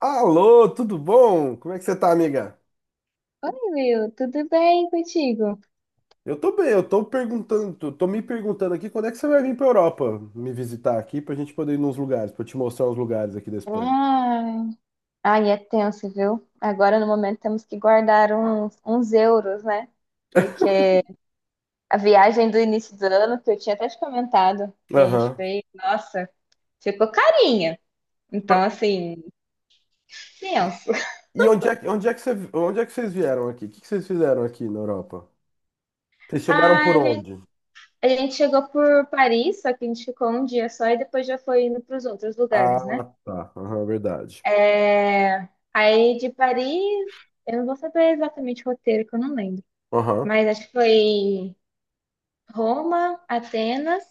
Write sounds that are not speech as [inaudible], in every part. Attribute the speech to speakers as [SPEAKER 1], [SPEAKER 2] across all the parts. [SPEAKER 1] Alô, tudo bom? Como é que você tá, amiga?
[SPEAKER 2] Oi, Will, tudo bem contigo?
[SPEAKER 1] Eu tô bem, eu tô me perguntando aqui quando é que você vai vir pra Europa me visitar aqui pra gente poder ir nos lugares, pra eu te mostrar uns lugares aqui da Espanha.
[SPEAKER 2] Ai, ai, é tenso, viu? Agora, no momento, temos que guardar uns euros, né? Porque a viagem do início do ano, que eu tinha até te comentado, que a gente
[SPEAKER 1] Aham.
[SPEAKER 2] fez, nossa, ficou carinha. Então,
[SPEAKER 1] Pra-
[SPEAKER 2] assim,
[SPEAKER 1] E
[SPEAKER 2] tenso.
[SPEAKER 1] e onde é, onde é que você, onde é que vocês vieram aqui? O que que vocês fizeram aqui na Europa? Vocês chegaram
[SPEAKER 2] Ah,
[SPEAKER 1] por
[SPEAKER 2] a gente,
[SPEAKER 1] onde?
[SPEAKER 2] a gente chegou por Paris, só que a gente ficou um dia só e depois já foi indo para os outros lugares,
[SPEAKER 1] Ah,
[SPEAKER 2] né?
[SPEAKER 1] tá. Aham, verdade.
[SPEAKER 2] É, aí, de Paris, eu não vou saber exatamente o roteiro, que eu não lembro.
[SPEAKER 1] Aham.
[SPEAKER 2] Mas acho que foi Roma, Atenas,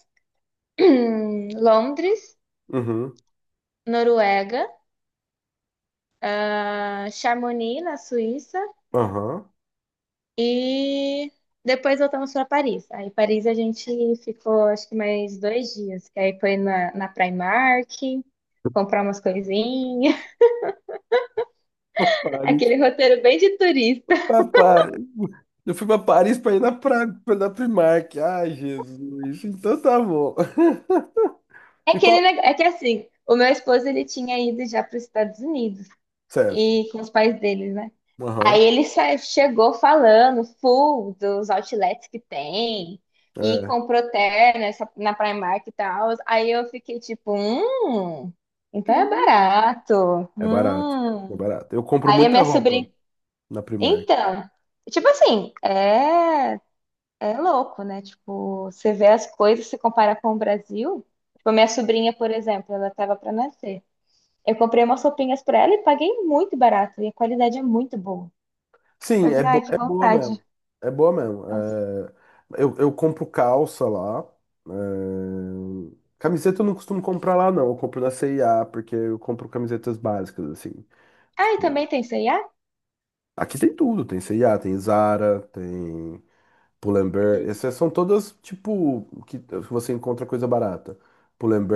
[SPEAKER 2] [clears throat] Londres,
[SPEAKER 1] Uhum.
[SPEAKER 2] Noruega, ah, Chamonix, na Suíça,
[SPEAKER 1] Aham.
[SPEAKER 2] e depois voltamos para Paris. Aí, Paris, a gente ficou acho que mais dois dias, que aí foi na Primark, comprar umas coisinhas,
[SPEAKER 1] [laughs]
[SPEAKER 2] [laughs]
[SPEAKER 1] Pare.
[SPEAKER 2] aquele roteiro bem de turista.
[SPEAKER 1] Pra Paris. Eu fui pra Paris pra ir pra, na Primark. Ai, Jesus. Então tá bom. [laughs]
[SPEAKER 2] É
[SPEAKER 1] E qual?
[SPEAKER 2] aquele, é que assim, o meu esposo ele tinha ido já para os Estados Unidos
[SPEAKER 1] Certo.
[SPEAKER 2] e com os pais deles, né? Aí
[SPEAKER 1] Aham.
[SPEAKER 2] ele chegou falando full dos outlets que tem e
[SPEAKER 1] É.
[SPEAKER 2] comprou terno na Primark e tal. Aí eu fiquei tipo, então é
[SPEAKER 1] Hum.
[SPEAKER 2] barato.
[SPEAKER 1] É barato. É
[SPEAKER 2] Hum.
[SPEAKER 1] barato. Eu compro
[SPEAKER 2] Aí a
[SPEAKER 1] muita
[SPEAKER 2] minha
[SPEAKER 1] roupa
[SPEAKER 2] sobrinha,
[SPEAKER 1] na Primark.
[SPEAKER 2] então, tipo assim, é, é louco, né? Tipo, você vê as coisas, se compara com o Brasil. Tipo, a minha sobrinha, por exemplo, ela tava pra nascer. Eu comprei umas roupinhas pra ela e paguei muito barato e a qualidade é muito boa.
[SPEAKER 1] Sim, é,
[SPEAKER 2] Mas, ai,
[SPEAKER 1] bo
[SPEAKER 2] que
[SPEAKER 1] é boa
[SPEAKER 2] vontade.
[SPEAKER 1] mesmo. É boa mesmo.
[SPEAKER 2] Nossa.
[SPEAKER 1] É, eu compro calça lá. é, Camiseta eu não costumo comprar lá, não. Eu compro na C&A, porque eu compro camisetas básicas, assim.
[SPEAKER 2] Ah, e
[SPEAKER 1] Tipo,
[SPEAKER 2] também tem C&A?
[SPEAKER 1] aqui tem tudo. Tem C&A, tem Zara, tem Pull&Bear, essas são todas tipo que você encontra coisa barata.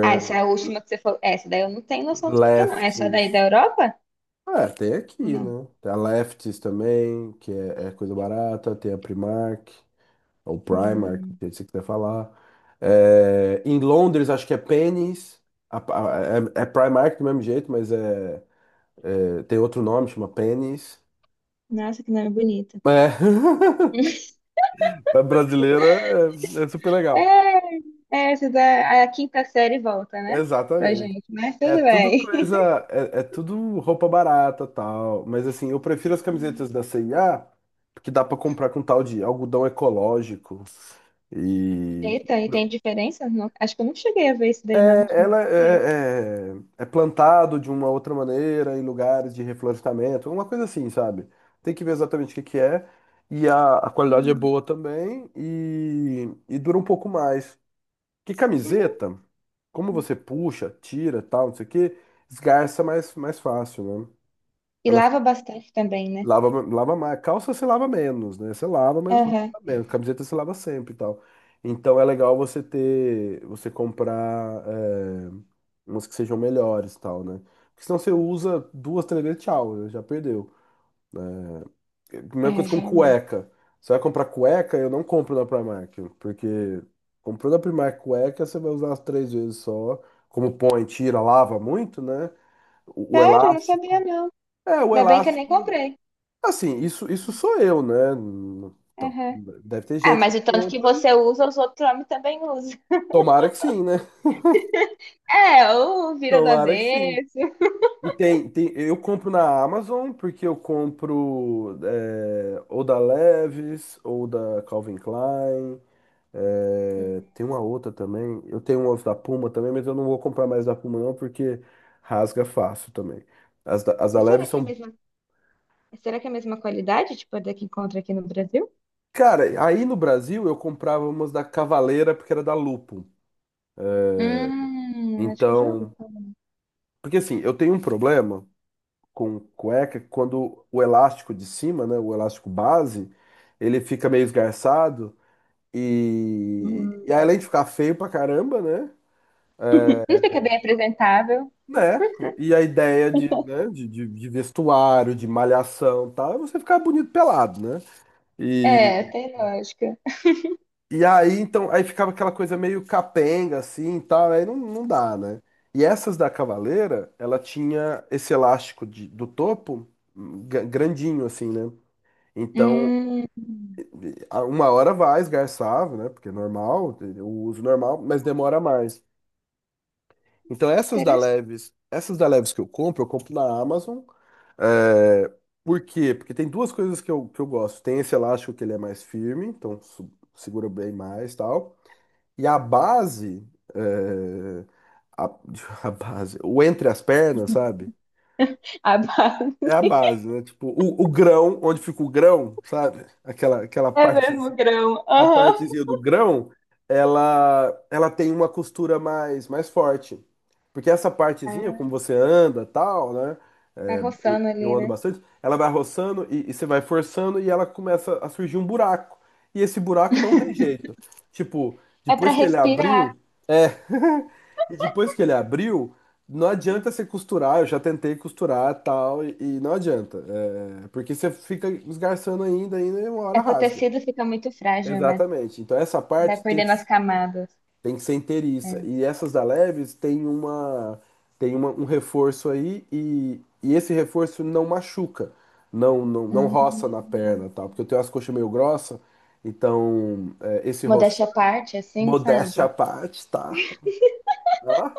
[SPEAKER 2] Ah, essa é a última que você falou. É, essa daí eu não tenho noção do que é, não. Essa daí da
[SPEAKER 1] Lefties.
[SPEAKER 2] Europa?
[SPEAKER 1] É, tem
[SPEAKER 2] Ou
[SPEAKER 1] aqui,
[SPEAKER 2] não?
[SPEAKER 1] né? Tem a Lefties também, que é, é coisa barata. Tem a Primark, ou Primark, do
[SPEAKER 2] Hum.
[SPEAKER 1] jeito que você quiser falar. É, em Londres, acho que é Pennies. É, é Primark do mesmo jeito, mas tem outro nome, chama Pennies.
[SPEAKER 2] Nossa, que nome bonito.
[SPEAKER 1] É, [laughs] pra brasileiro é, é super legal.
[SPEAKER 2] É, é essa da a quinta série volta, né? Pra
[SPEAKER 1] Exatamente.
[SPEAKER 2] gente, mas
[SPEAKER 1] É
[SPEAKER 2] tudo
[SPEAKER 1] tudo
[SPEAKER 2] bem. [laughs]
[SPEAKER 1] coisa, é, é tudo roupa barata, tal, mas assim, eu prefiro as camisetas da C&A, porque dá pra comprar com tal de algodão ecológico e
[SPEAKER 2] Eita, e tem diferença? Acho que eu não cheguei a ver isso daí, não. Acho que não
[SPEAKER 1] ela
[SPEAKER 2] comprei.
[SPEAKER 1] é, é, é plantado de uma outra maneira em lugares de reflorestamento, uma coisa assim, sabe? Tem que ver exatamente o que que é e a qualidade é
[SPEAKER 2] Hum.
[SPEAKER 1] boa também e dura um pouco mais. Que
[SPEAKER 2] Hum.
[SPEAKER 1] camiseta, como você puxa, tira, tal, não sei o quê, esgarça mais fácil, né?
[SPEAKER 2] E
[SPEAKER 1] Ela
[SPEAKER 2] lava bastante também, né?
[SPEAKER 1] Lava, lava mais. Calça você lava menos, né? Você lava, mas
[SPEAKER 2] Aham.
[SPEAKER 1] lava menos. Camiseta você lava sempre e tal. Então é legal você ter, você comprar é, umas que sejam melhores e tal, né? Porque senão você usa duas, três vezes, tchau, né? Já perdeu. É, mesma
[SPEAKER 2] É,
[SPEAKER 1] coisa com
[SPEAKER 2] realmente.
[SPEAKER 1] cueca. Você vai comprar cueca, eu não compro na Primark, porque comprou na Primark cueca, você vai usar as três vezes só. Como põe, tira, lava muito, né? O
[SPEAKER 2] Sério, eu não sabia,
[SPEAKER 1] elástico.
[SPEAKER 2] não.
[SPEAKER 1] É, o
[SPEAKER 2] Ainda bem que eu nem
[SPEAKER 1] elástico.
[SPEAKER 2] comprei.
[SPEAKER 1] Assim, isso, sou eu, né? Então,
[SPEAKER 2] Aham.
[SPEAKER 1] deve ter
[SPEAKER 2] Ah,
[SPEAKER 1] gente que
[SPEAKER 2] mas o tanto que
[SPEAKER 1] compra.
[SPEAKER 2] você usa, os outros homens também usam.
[SPEAKER 1] Tomara que sim, né?
[SPEAKER 2] É, ou
[SPEAKER 1] [laughs]
[SPEAKER 2] vira do
[SPEAKER 1] Tomara que sim.
[SPEAKER 2] avesso.
[SPEAKER 1] Tem, eu compro na Amazon porque eu compro é, ou da Levi's ou da Calvin Klein. É,
[SPEAKER 2] Uhum.
[SPEAKER 1] tem uma outra também. Eu tenho umas da Puma também, mas eu não vou comprar mais da Puma não porque rasga fácil também. As da, as
[SPEAKER 2] E
[SPEAKER 1] da
[SPEAKER 2] será
[SPEAKER 1] Levi's
[SPEAKER 2] que é a
[SPEAKER 1] são.
[SPEAKER 2] mesma, será que é a mesma qualidade, tipo, a da que encontra aqui no Brasil?
[SPEAKER 1] Cara, aí no Brasil eu comprava umas da Cavaleira porque era da Lupo.
[SPEAKER 2] Acho que eu já ouvi
[SPEAKER 1] Então.
[SPEAKER 2] falar.
[SPEAKER 1] Porque assim, eu tenho um problema com cueca quando o elástico de cima, né, o elástico base, ele fica meio esgarçado e aí,
[SPEAKER 2] Hum.
[SPEAKER 1] além de ficar feio pra caramba, né?
[SPEAKER 2] Não fica bem apresentável.
[SPEAKER 1] Né? E a ideia de, né,
[SPEAKER 2] [laughs]
[SPEAKER 1] de vestuário, de malhação, e tal, é você ficar bonito pelado, né? E,
[SPEAKER 2] É, tem lógica.
[SPEAKER 1] e aí então, aí ficava aquela coisa meio capenga assim, e tal, aí não, não dá, né? E essas da Cavaleira, ela tinha esse elástico do topo grandinho assim, né? Então,
[SPEAKER 2] Hum,
[SPEAKER 1] uma hora vai esgarçar, né? Porque é normal, o uso normal, mas demora mais. Então,
[SPEAKER 2] interessante.
[SPEAKER 1] Essas da Leves que eu compro na Amazon. É, por quê? Porque tem duas coisas que eu gosto. Tem esse elástico que ele é mais firme, então segura bem mais e tal. E a base, é, a, [laughs] a base, o entre as pernas, sabe?
[SPEAKER 2] A
[SPEAKER 1] É
[SPEAKER 2] base
[SPEAKER 1] a base, né? Tipo, o grão, onde fica o grão, sabe? Aquela, aquela
[SPEAKER 2] é
[SPEAKER 1] parte.
[SPEAKER 2] mesmo grão.
[SPEAKER 1] A
[SPEAKER 2] Aham.
[SPEAKER 1] partezinha do grão, ela tem uma costura mais, mais forte. Porque essa partezinha, como
[SPEAKER 2] Ah,
[SPEAKER 1] você anda, tal, né?
[SPEAKER 2] vai
[SPEAKER 1] É,
[SPEAKER 2] roçando
[SPEAKER 1] eu
[SPEAKER 2] ali,
[SPEAKER 1] ando
[SPEAKER 2] né?
[SPEAKER 1] bastante, ela vai roçando e você vai forçando e ela começa a surgir um buraco. E esse buraco não tem jeito. Tipo,
[SPEAKER 2] É para
[SPEAKER 1] depois que ele
[SPEAKER 2] respirar.
[SPEAKER 1] abriu, é. [laughs] E depois que ele abriu, não adianta você costurar. Eu já tentei costurar, tal, e não adianta. É, porque você fica esgarçando ainda e uma
[SPEAKER 2] É
[SPEAKER 1] hora
[SPEAKER 2] que o
[SPEAKER 1] rasga.
[SPEAKER 2] tecido fica muito frágil, né?
[SPEAKER 1] Exatamente. Então essa
[SPEAKER 2] Vai
[SPEAKER 1] parte
[SPEAKER 2] perdendo as camadas.
[SPEAKER 1] tem que ser inteiriça.
[SPEAKER 2] É.
[SPEAKER 1] E essas da Leves tem uma tem um reforço aí e esse reforço não machuca, não roça na
[SPEAKER 2] Hum.
[SPEAKER 1] perna, tal, porque eu tenho as coxas meio grossas, então é, esse
[SPEAKER 2] Modéstia
[SPEAKER 1] roçar,
[SPEAKER 2] à parte, assim,
[SPEAKER 1] modéstia à
[SPEAKER 2] sabe?
[SPEAKER 1] parte, tá? Ó.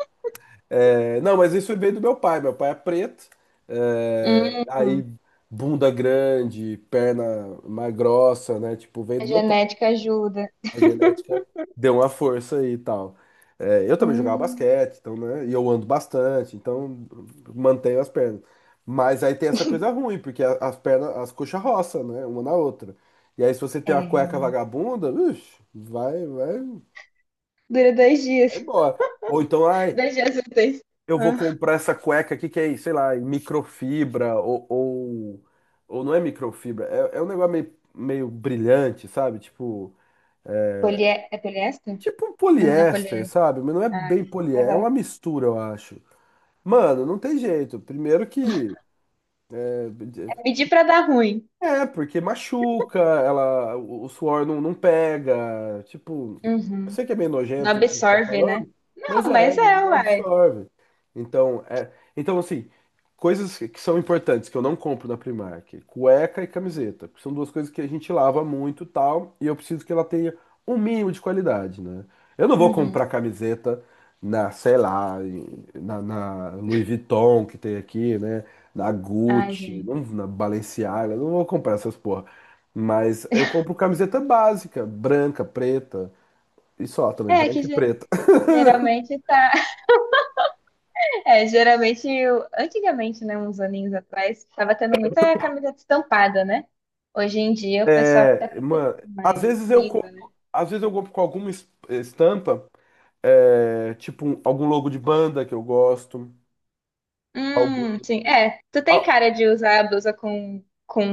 [SPEAKER 1] É, não, mas isso veio do meu pai. Meu pai é preto, é,
[SPEAKER 2] Hum.
[SPEAKER 1] aí bunda grande, perna mais grossa, né? Tipo, veio
[SPEAKER 2] A
[SPEAKER 1] do meu pai.
[SPEAKER 2] genética ajuda.
[SPEAKER 1] A genética deu uma força aí e tal. É, eu também jogava
[SPEAKER 2] Hum.
[SPEAKER 1] basquete, então, né? E eu ando bastante, então mantenho as pernas. Mas aí tem essa coisa ruim, porque as pernas, as coxas roçam, né? Uma na outra. E aí, se você
[SPEAKER 2] É,
[SPEAKER 1] tem uma cueca
[SPEAKER 2] realmente.
[SPEAKER 1] vagabunda, ixi,
[SPEAKER 2] Dura dois
[SPEAKER 1] vai
[SPEAKER 2] dias.
[SPEAKER 1] embora. Ou então,
[SPEAKER 2] [laughs]
[SPEAKER 1] ai,
[SPEAKER 2] Dois dias úteis.
[SPEAKER 1] eu vou
[SPEAKER 2] Ah,
[SPEAKER 1] comprar essa cueca aqui que é, sei lá, microfibra, ou não é microfibra, é, é um negócio meio, meio brilhante, sabe? Tipo.
[SPEAKER 2] Polie... é poliéster?
[SPEAKER 1] Tipo um
[SPEAKER 2] Não, não é
[SPEAKER 1] poliéster,
[SPEAKER 2] poliéster.
[SPEAKER 1] sabe? Mas não é
[SPEAKER 2] Ah,
[SPEAKER 1] bem poliéster, é
[SPEAKER 2] aham.
[SPEAKER 1] uma mistura, eu acho. Mano, não tem jeito. Primeiro que é,
[SPEAKER 2] É pedir pra dar ruim.
[SPEAKER 1] é, porque machuca, ela, o suor não, não pega. Tipo, eu
[SPEAKER 2] Uhum.
[SPEAKER 1] sei que é meio
[SPEAKER 2] Não
[SPEAKER 1] nojento isso que a gente tá
[SPEAKER 2] absorve, né?
[SPEAKER 1] falando, mas
[SPEAKER 2] Não,
[SPEAKER 1] é,
[SPEAKER 2] mas é,
[SPEAKER 1] não
[SPEAKER 2] uai.
[SPEAKER 1] absorve. Então, é, então assim, coisas que são importantes que eu não compro na Primark, cueca e camiseta, porque são duas coisas que a gente lava muito, e tal, e eu preciso que ela tenha um mínimo de qualidade, né? Eu não vou comprar
[SPEAKER 2] Uhum.
[SPEAKER 1] camiseta na, sei lá, na Louis Vuitton que tem aqui, né? Da
[SPEAKER 2] Ai,
[SPEAKER 1] Gucci,
[SPEAKER 2] gente.
[SPEAKER 1] não, na Balenciaga, não vou comprar essas porra. Mas eu compro camiseta básica, branca, preta, e só também,
[SPEAKER 2] É que
[SPEAKER 1] branca e
[SPEAKER 2] ge-
[SPEAKER 1] preta. [laughs]
[SPEAKER 2] Geralmente tá. [laughs] É, geralmente, antigamente, né, uns aninhos atrás, tava tendo muita camiseta estampada, né? Hoje em dia o pessoal tá
[SPEAKER 1] É,
[SPEAKER 2] preferindo
[SPEAKER 1] mano, às
[SPEAKER 2] mais
[SPEAKER 1] vezes eu
[SPEAKER 2] lisa.
[SPEAKER 1] compro, às vezes eu compro com alguma estampa, é, algum logo de banda que eu gosto, algum,
[SPEAKER 2] Sim. É, tu tem
[SPEAKER 1] ah,
[SPEAKER 2] cara de usar a blusa com,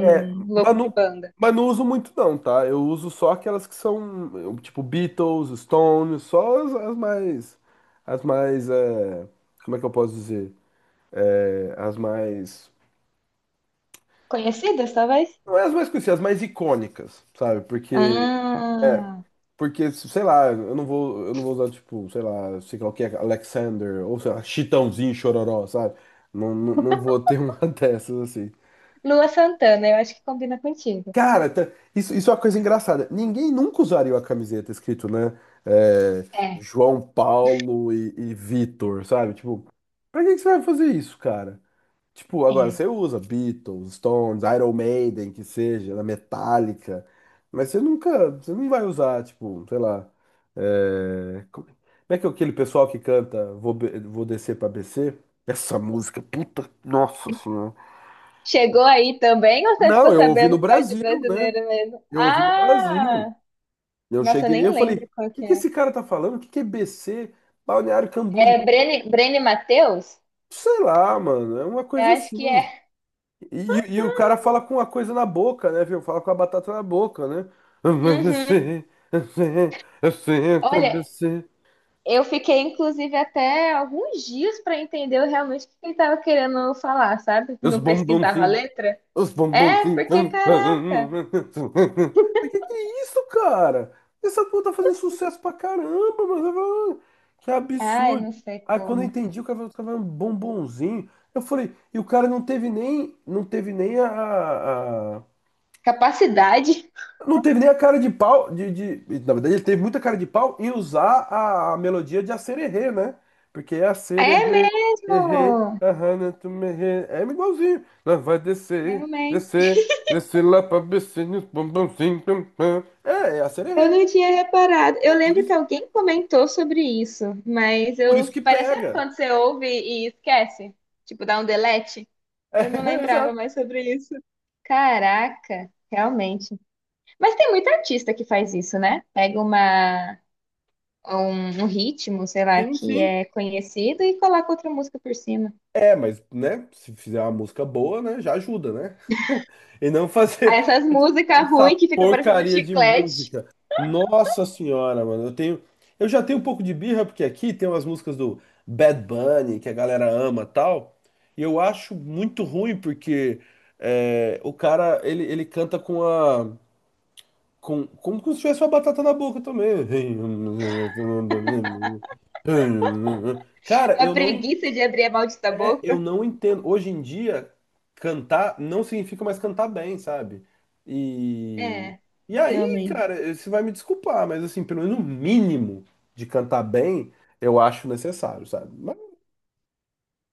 [SPEAKER 1] é, mas
[SPEAKER 2] logo de
[SPEAKER 1] não,
[SPEAKER 2] banda.
[SPEAKER 1] mas não uso muito não, tá? Eu uso só aquelas que são, eu, tipo Beatles, Stones, só as mais, é, como é que eu posso dizer? É, as mais.
[SPEAKER 2] Conhecidas, talvez?
[SPEAKER 1] Não é as mais conhecidas, as mais icônicas, sabe? Porque. É.
[SPEAKER 2] Ah,
[SPEAKER 1] Porque, sei lá, eu não vou usar, tipo, sei lá o que é, Alexander, ou sei lá, Chitãozinho, Chororó, sabe? Não vou ter uma [laughs] dessas assim.
[SPEAKER 2] Lua Santana, eu acho que combina contigo.
[SPEAKER 1] Cara, tá- isso, isso é uma coisa engraçada. Ninguém nunca usaria a camiseta escrito, né? É,
[SPEAKER 2] É,
[SPEAKER 1] João Paulo e Vitor, sabe? Tipo, pra que que você vai fazer isso, cara? Tipo, agora
[SPEAKER 2] é.
[SPEAKER 1] você usa Beatles, Stones, Iron Maiden, que seja, na Metallica, mas você nunca, você não vai usar, tipo, sei lá, é, como é que é aquele pessoal que canta Vou, Vou Descer pra BC? Essa música, puta, nossa senhora.
[SPEAKER 2] Chegou aí também ou você
[SPEAKER 1] Não,
[SPEAKER 2] ficou
[SPEAKER 1] eu ouvi
[SPEAKER 2] sabendo
[SPEAKER 1] no
[SPEAKER 2] que é de
[SPEAKER 1] Brasil, né?
[SPEAKER 2] brasileiro mesmo?
[SPEAKER 1] Eu ouvi no Brasil.
[SPEAKER 2] Ah!
[SPEAKER 1] Eu
[SPEAKER 2] Nossa, eu
[SPEAKER 1] cheguei e
[SPEAKER 2] nem
[SPEAKER 1] eu falei,
[SPEAKER 2] lembro
[SPEAKER 1] o
[SPEAKER 2] qual
[SPEAKER 1] que
[SPEAKER 2] que
[SPEAKER 1] que
[SPEAKER 2] é.
[SPEAKER 1] esse cara tá falando? O que que é BC? Balneário
[SPEAKER 2] É
[SPEAKER 1] Camboriú?
[SPEAKER 2] Brene Matheus?
[SPEAKER 1] Sei lá, mano, é uma
[SPEAKER 2] Eu
[SPEAKER 1] coisa
[SPEAKER 2] acho que
[SPEAKER 1] assim.
[SPEAKER 2] é.
[SPEAKER 1] E o cara fala com a coisa na boca, né, viu? Fala com a batata na boca, né? Eu
[SPEAKER 2] Uhum.
[SPEAKER 1] sei, eu sei, eu sei, eu também
[SPEAKER 2] Olha,
[SPEAKER 1] sei,
[SPEAKER 2] eu fiquei inclusive até alguns dias para entender realmente o que ele estava querendo falar, sabe?
[SPEAKER 1] os
[SPEAKER 2] Não pesquisava a
[SPEAKER 1] bombonzinhos,
[SPEAKER 2] letra.
[SPEAKER 1] os
[SPEAKER 2] É,
[SPEAKER 1] bombonzinhos.
[SPEAKER 2] porque
[SPEAKER 1] Mas
[SPEAKER 2] caraca.
[SPEAKER 1] que é isso, cara? Essa porra tá fazendo sucesso pra caramba, mano. Eu falo, "Ah, que
[SPEAKER 2] Ai,
[SPEAKER 1] absurdo."
[SPEAKER 2] não sei
[SPEAKER 1] Aí quando eu
[SPEAKER 2] como.
[SPEAKER 1] entendi, o cara falou, tava um bombonzinho. Eu falei, e o cara não teve nem, não teve nem
[SPEAKER 2] Capacidade.
[SPEAKER 1] não teve nem a cara de pau, na verdade ele teve muita cara de pau em usar a melodia de Acererê, né? Porque é
[SPEAKER 2] É
[SPEAKER 1] Acererê, errê,
[SPEAKER 2] mesmo.
[SPEAKER 1] ahana, tu me errê, é igualzinho. Lá vai descer,
[SPEAKER 2] Realmente.
[SPEAKER 1] descer, descer lá pra becinho, pum, pumzinho, pum, pum. É, é
[SPEAKER 2] Eu
[SPEAKER 1] Acererê.
[SPEAKER 2] não tinha reparado. Eu
[SPEAKER 1] É por
[SPEAKER 2] lembro que
[SPEAKER 1] isso,
[SPEAKER 2] alguém comentou sobre isso, mas
[SPEAKER 1] por
[SPEAKER 2] eu
[SPEAKER 1] isso que
[SPEAKER 2] parece sabe
[SPEAKER 1] pega.
[SPEAKER 2] quando você ouve e esquece, tipo dá um delete.
[SPEAKER 1] É,
[SPEAKER 2] Eu não
[SPEAKER 1] [laughs]
[SPEAKER 2] lembrava
[SPEAKER 1] exato.
[SPEAKER 2] mais sobre isso. Caraca, realmente. Mas tem muito artista que faz isso, né? Pega uma um ritmo, sei lá,
[SPEAKER 1] Sim,
[SPEAKER 2] que
[SPEAKER 1] sim.
[SPEAKER 2] é conhecido e coloca outra música por cima.
[SPEAKER 1] É, mas, né, se fizer uma música boa, né, já ajuda, né? [laughs] E não
[SPEAKER 2] Aí
[SPEAKER 1] fazer
[SPEAKER 2] essas músicas ruins
[SPEAKER 1] essa
[SPEAKER 2] que fica parecendo um
[SPEAKER 1] porcaria de
[SPEAKER 2] chiclete,
[SPEAKER 1] música. Nossa senhora, mano. Eu já tenho um pouco de birra porque aqui tem umas músicas do Bad Bunny que a galera ama, tal. E eu acho muito ruim porque é, o cara ele, ele canta com a com como se tivesse uma batata na boca também. [laughs] Cara,
[SPEAKER 2] uma
[SPEAKER 1] eu não
[SPEAKER 2] preguiça de abrir a maldita
[SPEAKER 1] é, eu
[SPEAKER 2] boca.
[SPEAKER 1] não entendo. Hoje em dia, cantar não significa mais cantar bem, sabe? E,
[SPEAKER 2] É,
[SPEAKER 1] e aí,
[SPEAKER 2] realmente.
[SPEAKER 1] cara, você vai me desculpar, mas assim, pelo menos o mínimo de cantar bem, eu acho necessário, sabe? Mas o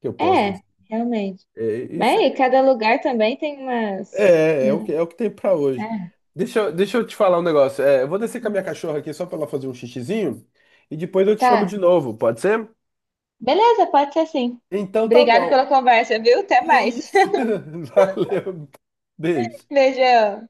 [SPEAKER 1] que eu posso
[SPEAKER 2] É,
[SPEAKER 1] dizer?
[SPEAKER 2] realmente.
[SPEAKER 1] É,
[SPEAKER 2] Mas
[SPEAKER 1] isso é,
[SPEAKER 2] aí, cada lugar também tem umas.
[SPEAKER 1] é, é o que tem pra
[SPEAKER 2] É.
[SPEAKER 1] hoje. Deixa eu te falar um negócio. É, eu vou descer com a minha cachorra aqui só pra ela fazer um xixizinho e depois eu te chamo
[SPEAKER 2] Tá.
[SPEAKER 1] de novo, pode ser?
[SPEAKER 2] Beleza, pode ser sim.
[SPEAKER 1] Então tá
[SPEAKER 2] Obrigada pela
[SPEAKER 1] bom.
[SPEAKER 2] conversa, viu? Até
[SPEAKER 1] Que
[SPEAKER 2] mais.
[SPEAKER 1] isso? [laughs] Valeu,
[SPEAKER 2] [laughs]
[SPEAKER 1] beijo.
[SPEAKER 2] Beijão.